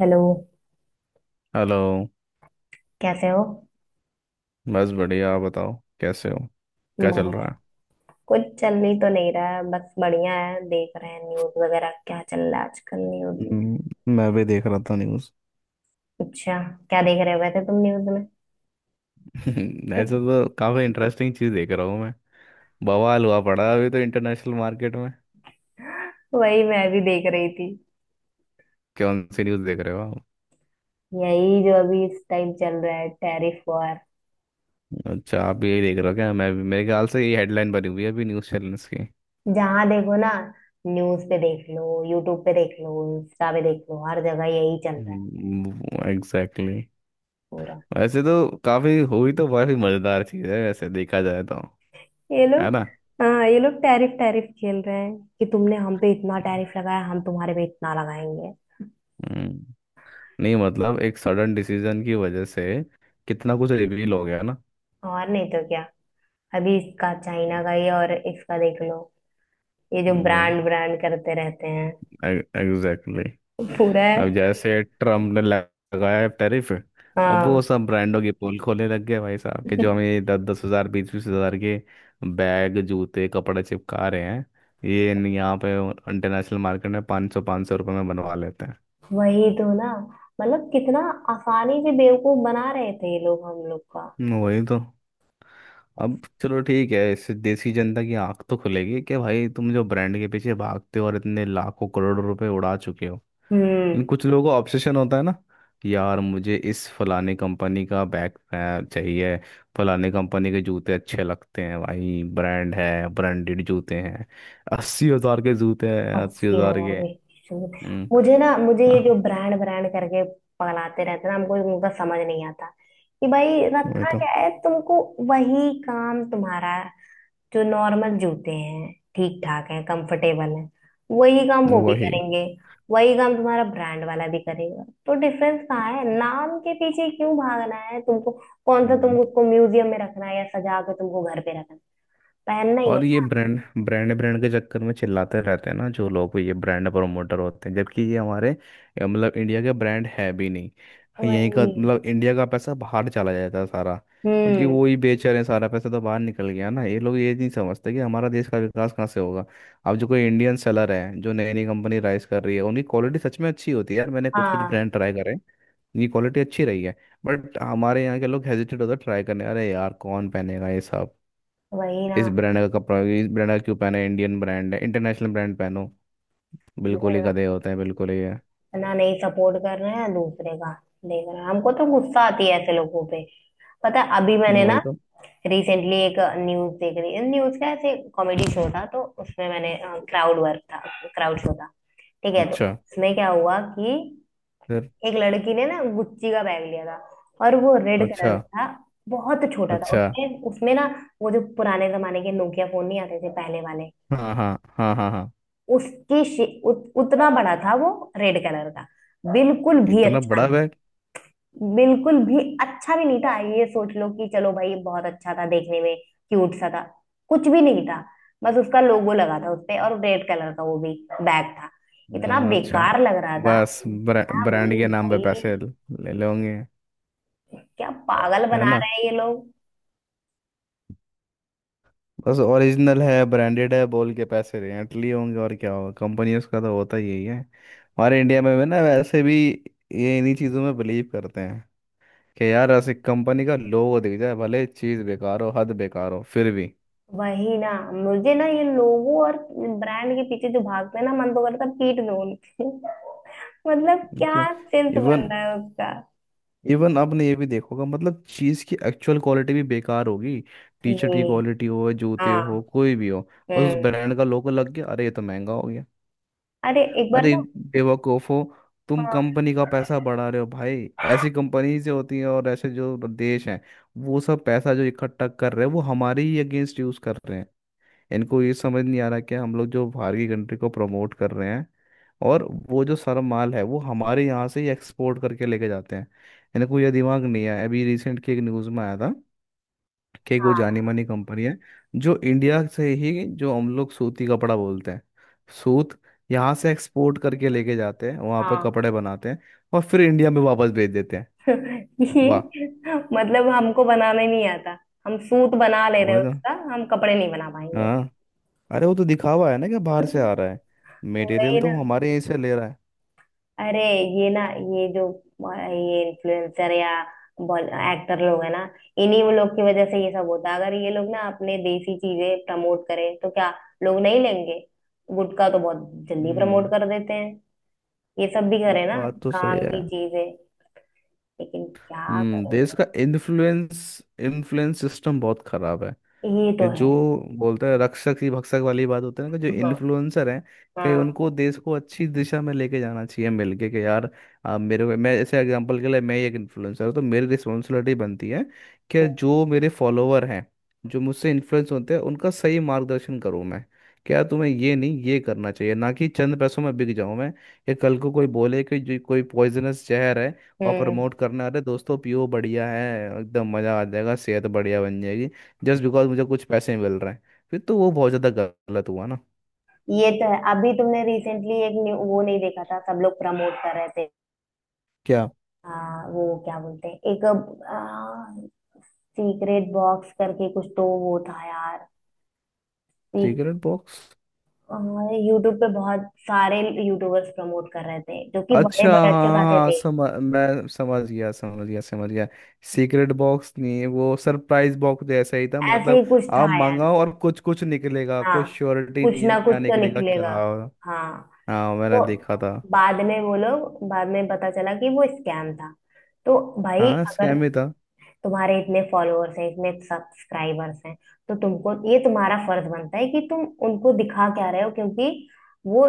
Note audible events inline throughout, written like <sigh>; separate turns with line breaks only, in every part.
Hello.
Hello.
कैसे हो?
बस बढ़िया, आप बताओ, कैसे हो? क्या चल
बढ़िया।
रहा है?
कुछ चल ही तो नहीं रहा है, बस बढ़िया है। देख रहे हैं न्यूज वगैरह क्या चल रहा है आजकल
<laughs>
न्यूज में।
मैं भी देख रहा था न्यूज़।
अच्छा। क्या देख रहे हुए थे तुम न्यूज में?
<laughs> ऐसे
<laughs>
तो काफ़ी इंटरेस्टिंग चीज़ देख रहा हूँ मैं। बवाल हुआ पड़ा है अभी तो इंटरनेशनल मार्केट में।
वही मैं भी देख रही थी।
कौन सी न्यूज़ देख रहे हो आप?
यही जो अभी इस टाइम चल रहा है, टैरिफ वॉर।
अच्छा, आप भी यही देख रहे हो क्या? मैं भी। मेरे ख्याल से ये हेडलाइन बनी हुई है अभी न्यूज़ चैनल्स की।
जहां देखो ना, न्यूज पे देख लो, यूट्यूब पे देख लो, इंस्टा पे देख लो, हर जगह यही चल रहा है
एग्जैक्टली exactly.
पूरा।
वैसे तो काफ़ी हुई तो काफ़ी मज़ेदार चीज़ है, वैसे देखा जाए तो।
ये
है
लोग,
ना?
हाँ, ये लोग टैरिफ टैरिफ खेल रहे हैं कि तुमने हम पे इतना टैरिफ लगाया, हम तुम्हारे पे इतना लगाएंगे।
हम्म, नहीं मतलब एक सडन डिसीजन की वजह से कितना कुछ रिवील हो गया ना।
और नहीं तो क्या। अभी इसका चाइना का ये और इसका देख लो। ये जो
वही।
ब्रांड ब्रांड करते रहते हैं
एग्जैक्टली।
पूरा
अब
है।
जैसे ट्रम्प ने लगाया है टैरिफ, अब वो
हाँ।
सब ब्रांडों के पोल खोलने लग गए भाई साहब के, जो
<laughs>
हमें दस दस हजार, बीस बीस हजार के बैग, जूते, कपड़े चिपका रहे हैं। ये न- यहाँ पे इंटरनेशनल मार्केट में पाँच सौ रुपये में बनवा लेते हैं।
वही तो ना। मतलब कितना आसानी से बेवकूफ बना रहे थे ये लोग हम लोग का।
वही तो। अब चलो ठीक है, इससे देसी जनता की आंख तो खुलेगी कि भाई तुम जो ब्रांड के पीछे भागते हो और इतने लाखों करोड़ों रुपए उड़ा चुके हो।
हम्म।
लेकिन कुछ लोगों का ऑब्सेशन होता है ना। यार मुझे इस फलाने कंपनी का बैग चाहिए, फलाने कंपनी के जूते अच्छे लगते हैं, भाई ब्रांड है, ब्रांडेड जूते हैं, 80,000 के जूते हैं, अस्सी
अस्सी
हजार
हजार
के।
के। शुरू-
हम्म।
मुझे ना, मुझे ये जो
हाँ,
ब्रांड ब्रांड करके पगलाते रहते ना, हमको उनका समझ नहीं आता कि भाई
वही
रखा
तो।
क्या है तुमको। वही काम तुम्हारा। जो नॉर्मल जूते हैं, ठीक ठाक हैं, कंफर्टेबल हैं, वही काम वो भी
वही।
करेंगे। वही काम तुम्हारा ब्रांड वाला भी करेगा, तो डिफरेंस कहाँ है? नाम के पीछे क्यों भागना है तुमको? कौन सा तुमको उसको म्यूजियम में रखना है या सजा के तुमको घर पे रखना है? पहनना ही है
और ये
ना।
ब्रांड ब्रांड ब्रांड के चक्कर में चिल्लाते रहते हैं ना जो लोग, ये ब्रांड प्रमोटर होते हैं, जबकि ये हमारे मतलब इंडिया का ब्रांड है भी नहीं। यहीं का
वही।
मतलब, इंडिया का पैसा बाहर चला जाता है सारा, क्योंकि
हम्म।
वो ही बेच रहे हैं। सारा पैसा तो बाहर निकल गया ना। ये लोग ये नहीं समझते कि हमारा देश का विकास कहाँ से होगा। अब जो कोई इंडियन सेलर है, जो नई नई कंपनी राइज कर रही है, उनकी क्वालिटी सच में अच्छी होती है यार। मैंने कुछ कुछ
हाँ।
ब्रांड ट्राई करे। इनकी क्वालिटी अच्छी रही है। बट हमारे यहाँ के लोग हेजिटेट होते ट्राई करने। अरे यार, कौन पहनेगा ये सब,
वही ना।
इस ब्रांड का कपड़ा, इस ब्रांड का क्यों पहना है? इंडियन ब्रांड है, इंटरनेशनल ब्रांड पहनो।
वो
बिल्कुल ही
ना,
गधे होते हैं, बिल्कुल ही है।
ना, नहीं सपोर्ट कर रहे हैं दूसरे का। देख रहे हैं, हमको तो गुस्सा आती है ऐसे लोगों पे। पता है, अभी मैंने ना
वही तो।
रिसेंटली एक न्यूज देख रही, न्यूज का ऐसे कॉमेडी शो था, तो उसमें मैंने क्राउड वर्क था क्राउड शो था। ठीक है, तो
अच्छा।
उसमें क्या हुआ कि
फिर?
एक लड़की ने ना गुच्ची का बैग लिया था, और वो रेड कलर
अच्छा,
का था। बहुत छोटा था।
अच्छा।
उसमें उसमें ना, वो जो पुराने जमाने के नोकिया फोन नहीं आते थे पहले वाले,
हाँ हाँ, हाँ हाँ हाँ।
उतना बड़ा था वो। रेड कलर का। बिल्कुल भी
इतना
अच्छा,
बड़ा बैग?
बिल्कुल भी अच्छा भी नहीं था। ये सोच लो कि चलो भाई ये बहुत अच्छा था देखने में, क्यूट सा था, कुछ भी नहीं था। बस उसका लोगो लगा था उसपे, और रेड कलर का वो भी बैग था। इतना
हाँ, अच्छा।
बेकार लग रहा था।
बस
मैं
ब्रांड
बोली
के नाम पे पैसे
भाई
ले लोगे।
क्या पागल
है
बना
ना?
रहे हैं ये लोग।
बस ओरिजिनल है, ब्रांडेड है बोल के पैसे रेंट लिए होंगे, और क्या होगा? कंपनियों का तो होता ही यही है, हमारे इंडिया में भी ना वैसे भी। ये इन्हीं चीज़ों में बिलीव करते हैं कि यार ऐसी कंपनी का लोगो दिख जाए, भले चीज बेकार हो, हद बेकार हो फिर भी।
वही ना। मुझे ना ये लोगो और ब्रांड के पीछे जो भागते हैं ना, मन तो करता है पीट दो उनको। <laughs> मतलब क्या
तो
सेंस बन
इवन
रहा है उसका?
इवन आपने ये भी देखोगा, मतलब चीज की एक्चुअल क्वालिटी भी बेकार होगी। टी शर्ट की
ये।
क्वालिटी हो, जूते हो,
हाँ।
कोई भी हो, बस उस
हम्म।
ब्रांड का लोगो लग गया, अरे ये तो महंगा हो गया।
अरे एक बार
अरे
ना,
बेवकूफो, तुम
हाँ
कंपनी का पैसा बढ़ा रहे हो भाई। ऐसी कंपनीज जो होती हैं और ऐसे जो देश हैं, वो सब पैसा जो इकट्ठा कर रहे हैं वो हमारे ही अगेंस्ट यूज कर रहे हैं। इनको ये समझ नहीं आ रहा कि हम लोग जो बाहर की कंट्री को प्रमोट कर रहे हैं, और वो जो सारा माल है वो हमारे यहाँ से ही एक्सपोर्ट करके लेके जाते हैं। इनको ये दिमाग नहीं है। अभी रिसेंट की एक न्यूज़ में आया था कि एक वो जानी मानी कंपनी है, जो इंडिया से ही, जो हम लोग सूती कपड़ा बोलते हैं, सूत यहाँ से एक्सपोर्ट करके लेके जाते हैं, वहाँ पर
हाँ।
कपड़े बनाते हैं और फिर इंडिया में वापस भेज देते हैं।
<laughs> ये,
वाह।
मतलब हमको बनाना ही नहीं आता। हम सूत बना ले रहे
वही
हैं,
तो।
उसका हम कपड़े नहीं बना पाएंगे।
हाँ, अरे वो तो दिखावा है ना कि बाहर से आ रहा है, मटेरियल
वही
तो
ना।
वो हमारे यहीं से ले रहा है।
अरे, ये ना, ये जो ये इन्फ्लुएंसर या एक्टर लोग है ना, इन्हीं वो लोग की वजह से ये सब होता है। अगर ये लोग ना अपने देसी चीजें प्रमोट करें तो क्या लोग नहीं लेंगे? गुटखा तो बहुत जल्दी प्रमोट
हम्म।
कर देते हैं, ये सब भी करें ना,
बात तो सही
काम
है।
की चीजें। लेकिन क्या
देश
करोगे।
का इन्फ्लुएंस इन्फ्लुएंस सिस्टम बहुत खराब है।
ये तो
कि जो
है।
बोलते हैं रक्षक ही भक्षक वाली बात होती है ना, कि जो
हाँ।
इन्फ्लुएंसर हैं, कहीं
हाँ।
उनको देश को अच्छी दिशा में लेके जाना चाहिए मिलके, कि यार आप मेरे को, मैं ऐसे एग्जांपल के लिए, मैं ही एक इन्फ्लुएंसर हूँ तो मेरी रिस्पॉन्सिबिलिटी बनती है कि जो मेरे फॉलोअर हैं, जो मुझसे इन्फ्लुएंस होते हैं, उनका सही मार्गदर्शन करूँ मैं। क्या तुम्हें ये नहीं, ये करना चाहिए ना कि चंद पैसों में बिक जाऊं मैं? या कल को कोई बोले कि जो कोई पॉइजनस जहर है, और
हम्म।
प्रमोट करना, अरे दोस्तों पियो, बढ़िया है, एकदम मज़ा आ जाएगा, सेहत बढ़िया बन जाएगी, जस्ट बिकॉज मुझे कुछ पैसे मिल रहे हैं, फिर तो वो बहुत ज़्यादा गलत हुआ ना।
ये तो है। अभी तुमने रिसेंटली एक वो नहीं देखा था सब लोग प्रमोट कर रहे थे?
क्या?
वो क्या बोलते हैं, एक सीक्रेट बॉक्स करके कुछ तो वो था यार।
Cigarette box?
यूट्यूब पे बहुत सारे यूट्यूबर्स प्रमोट कर रहे थे जो कि बड़े
अच्छा,
बड़े अच्छे
हाँ
खाते
हाँ,
थे।
समझ मैं समझ गया, समझ गया, समझ गया। सीक्रेट बॉक्स नहीं, वो सरप्राइज बॉक्स जैसा ही था
ऐसे ही
मतलब।
कुछ
आप
था यार।
मंगाओ और कुछ कुछ निकलेगा,
हाँ,
कोई श्योरिटी
कुछ
नहीं है
ना कुछ
क्या
तो
निकलेगा,
निकलेगा।
क्या।
हाँ।
हाँ, मैंने
तो
देखा था।
बाद में वो लोग, बाद में पता चला कि वो स्कैम था। तो भाई
हाँ,
अगर
स्कैम ही था।
तुम्हारे इतने फॉलोअर्स हैं, इतने सब्सक्राइबर्स हैं, तो तुमको ये तुम्हारा फर्ज बनता है कि तुम उनको दिखा क्या रहे हो, क्योंकि वो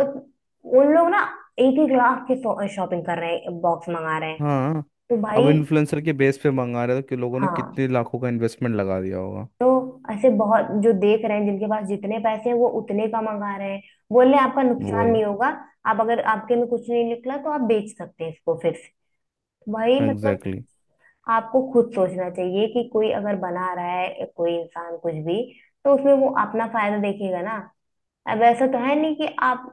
उन लोग ना 1-1 लाख के शॉपिंग कर रहे हैं, बॉक्स मंगा रहे हैं।
हाँ,
तो
अब
भाई।
इन्फ्लुएंसर के बेस पे मंगा रहे थे कि लोगों ने
हाँ।
कितने लाखों का इन्वेस्टमेंट लगा दिया होगा।
तो ऐसे बहुत जो देख रहे हैं, जिनके पास जितने पैसे हैं वो उतने का मंगा रहे हैं। बोल रहे हैं आपका नुकसान
वही।
नहीं होगा, आप अगर आपके में कुछ नहीं निकला तो आप बेच सकते हैं इसको फिर से। भाई मतलब
एग्जैक्टली।
आपको खुद सोचना चाहिए कि कोई अगर बना रहा है, या कोई इंसान कुछ भी, तो उसमें वो अपना फायदा देखेगा ना। अब ऐसा तो है नहीं कि आप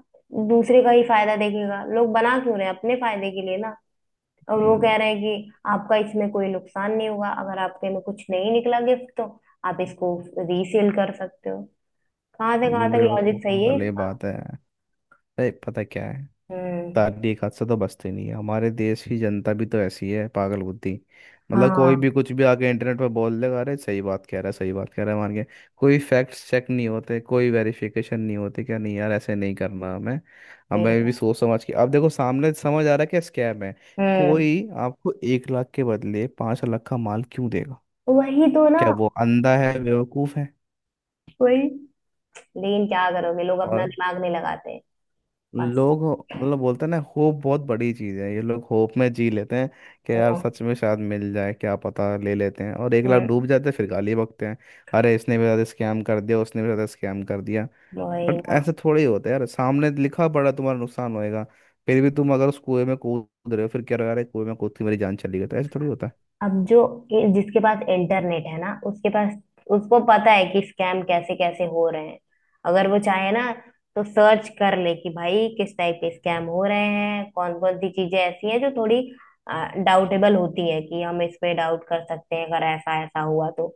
दूसरे का ही फायदा देखेगा। लोग बना क्यों रहे हैं, अपने फायदे के लिए ना। और वो कह रहे हैं कि आपका इसमें कोई नुकसान नहीं होगा, अगर आपके में कुछ नहीं निकला गिफ्ट तो आप इसको रीसेल कर सकते हो। कहाँ से कहाँ तक लॉजिक
बेवकूफ़ों
सही है
वाली
इसका।
बात है। अरे पता क्या है,
हम्म।
तारीख हाथ से तो बचती नहीं है। हमारे देश की जनता भी तो ऐसी है, पागल बुद्धि। मतलब कोई
हाँ
भी कुछ भी आके इंटरनेट पर बोल देगा, अरे सही बात कह रहा है, सही बात कह रहा है मान के। कोई फैक्ट्स चेक नहीं होते, कोई वेरिफिकेशन नहीं होते, क्या नहीं यार, ऐसे नहीं करना हमें
ये
हमें भी
तो।
सोच समझ के, अब देखो सामने समझ आ रहा है क्या स्कैम है।
हम्म।
कोई आपको 1 लाख के बदले 5 लाख का माल क्यों देगा?
वही तो ना।
क्या वो अंधा है, बेवकूफ़ है?
वही। लेकिन क्या करोगे, लोग अपना
और
दिमाग नहीं लगाते बस।
लोग मतलब बोलते हैं ना, होप बहुत बड़ी चीज है, ये लोग होप में जी लेते हैं। कि यार सच में शायद मिल जाए, क्या पता, ले लेते हैं और 1 लाख
हम्म।
डूब जाते हैं, फिर गाली बकते हैं। अरे इसने भी ज्यादा स्कैम कर दिया, उसने भी ज्यादा स्कैम कर दिया।
वही
बट
ना।
ऐसे थोड़े ही होता है यार, सामने लिखा पड़ा तुम्हारा नुकसान होएगा, फिर भी तुम अगर उस कुएं में कूद रहे हो, फिर क्या रहा, अरे कुएं में कूद के मेरी जान चली गई, तो ऐसे थोड़ी होता
अब जो जिसके पास इंटरनेट है ना, उसके पास, उसको पता है कि स्कैम कैसे कैसे हो रहे हैं। अगर वो चाहे ना तो सर्च कर ले कि भाई किस टाइप के स्कैम हो रहे हैं, कौन कौन सी चीजें ऐसी हैं जो थोड़ी डाउटेबल होती है, कि हम इस पे डाउट कर सकते हैं अगर ऐसा ऐसा हुआ तो।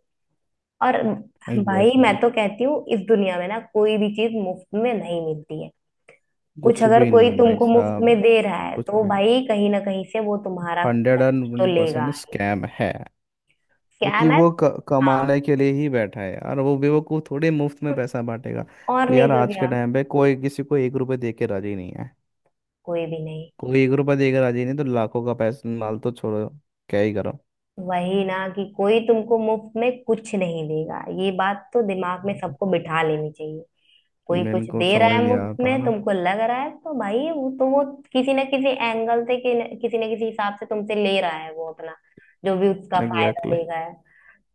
और
है।
भाई
एग्जैक्टली exactly.
मैं तो कहती हूँ इस दुनिया में ना कोई भी चीज मुफ्त में नहीं मिलती है। कुछ
कुछ
अगर
भी
कोई
नहीं भाई
तुमको मुफ्त में
साहब,
दे रहा है
कुछ
तो
भी नहीं,
भाई कहीं ना कहीं से वो तुम्हारा
हंड्रेड एंड
कुछ तो
वन
लेगा
परसेंट
ही।
स्कैम है।
क्या है
क्योंकि
ना।
वो
हाँ,
कमाने के लिए ही बैठा है यार, वो बेवकूफ थोड़े मुफ्त में पैसा बांटेगा।
और
को
नहीं
यार
तो
आज के
क्या।
टाइम पे कोई किसी को 1 रुपए दे के राजी नहीं है,
कोई भी नहीं।
कोई 1 रुपए दे के राजी नहीं तो लाखों का पैसा माल तो छोड़ो, क्या ही करो।
वही ना कि कोई तुमको मुफ्त में कुछ नहीं देगा, ये बात तो दिमाग में
हम्म।
सबको बिठा लेनी चाहिए। कोई कुछ
इनको
दे रहा
समझ
है
नहीं आ
मुफ्त
रहा था
में,
ना।
तुमको लग रहा है, तो भाई वो तो वो किसी ना किसी हिसाब से तुमसे ले रहा है वो अपना, जो भी उसका फायदा
एग्जैक्टली,
देगा है।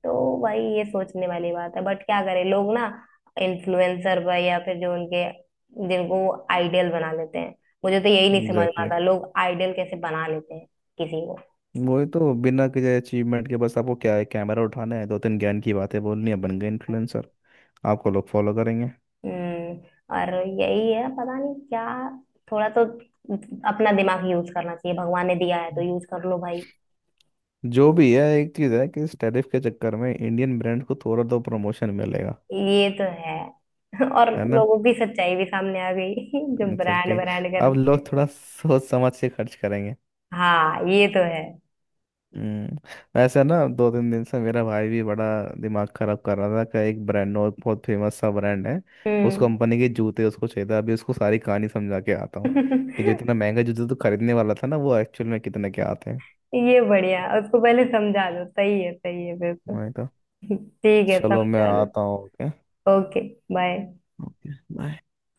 तो भाई ये सोचने वाली बात है, बट क्या करें लोग ना इन्फ्लुएंसर पर, या फिर जो उनके, जिनको आइडियल बना लेते हैं। मुझे तो यही नहीं समझ में
एग्जैक्टली।
आता, लोग आइडियल कैसे बना लेते हैं किसी को।
वही तो, बिना किसी अचीवमेंट के, बस आपको क्या है, कैमरा उठाना है, दो तीन ज्ञान की बातें बोलनी है, बन गए इन्फ्लुएंसर, आपको लोग फॉलो करेंगे।
हम्म। और यही है पता नहीं क्या। थोड़ा तो अपना दिमाग यूज करना चाहिए, भगवान ने दिया है तो
हम्म।
यूज कर लो भाई।
जो भी है, एक चीज है कि इस टैरिफ के चक्कर में इंडियन ब्रांड को थोड़ा तो प्रमोशन मिलेगा।
ये तो है। <laughs> और
है ना?
लोगों की सच्चाई भी सामने आ गई। <laughs> जो ब्रांड
एग्जैक्टली।
ब्रांड कर।
अब लोग थोड़ा सोच समझ के खर्च करेंगे।
हाँ ये तो है।
हम्म, वैसे ना दो तीन दिन से मेरा भाई भी बड़ा दिमाग खराब कर रहा था कि एक ब्रांड, और बहुत फेमस सा ब्रांड है। उस
हम्म।
कंपनी के जूते उसको चाहिए था, अभी उसको सारी कहानी समझा के आता हूँ कि जो
<laughs>
इतना महंगा जूते तो खरीदने वाला था ना, वो एक्चुअल में कितने के आते हैं।
ये बढ़िया, उसको पहले समझा लो। सही है, सही है बिल्कुल।
मैं कहा,
ठीक है,
चलो मैं
समझा लो।
आता हूँ okay?
ओके। बाय।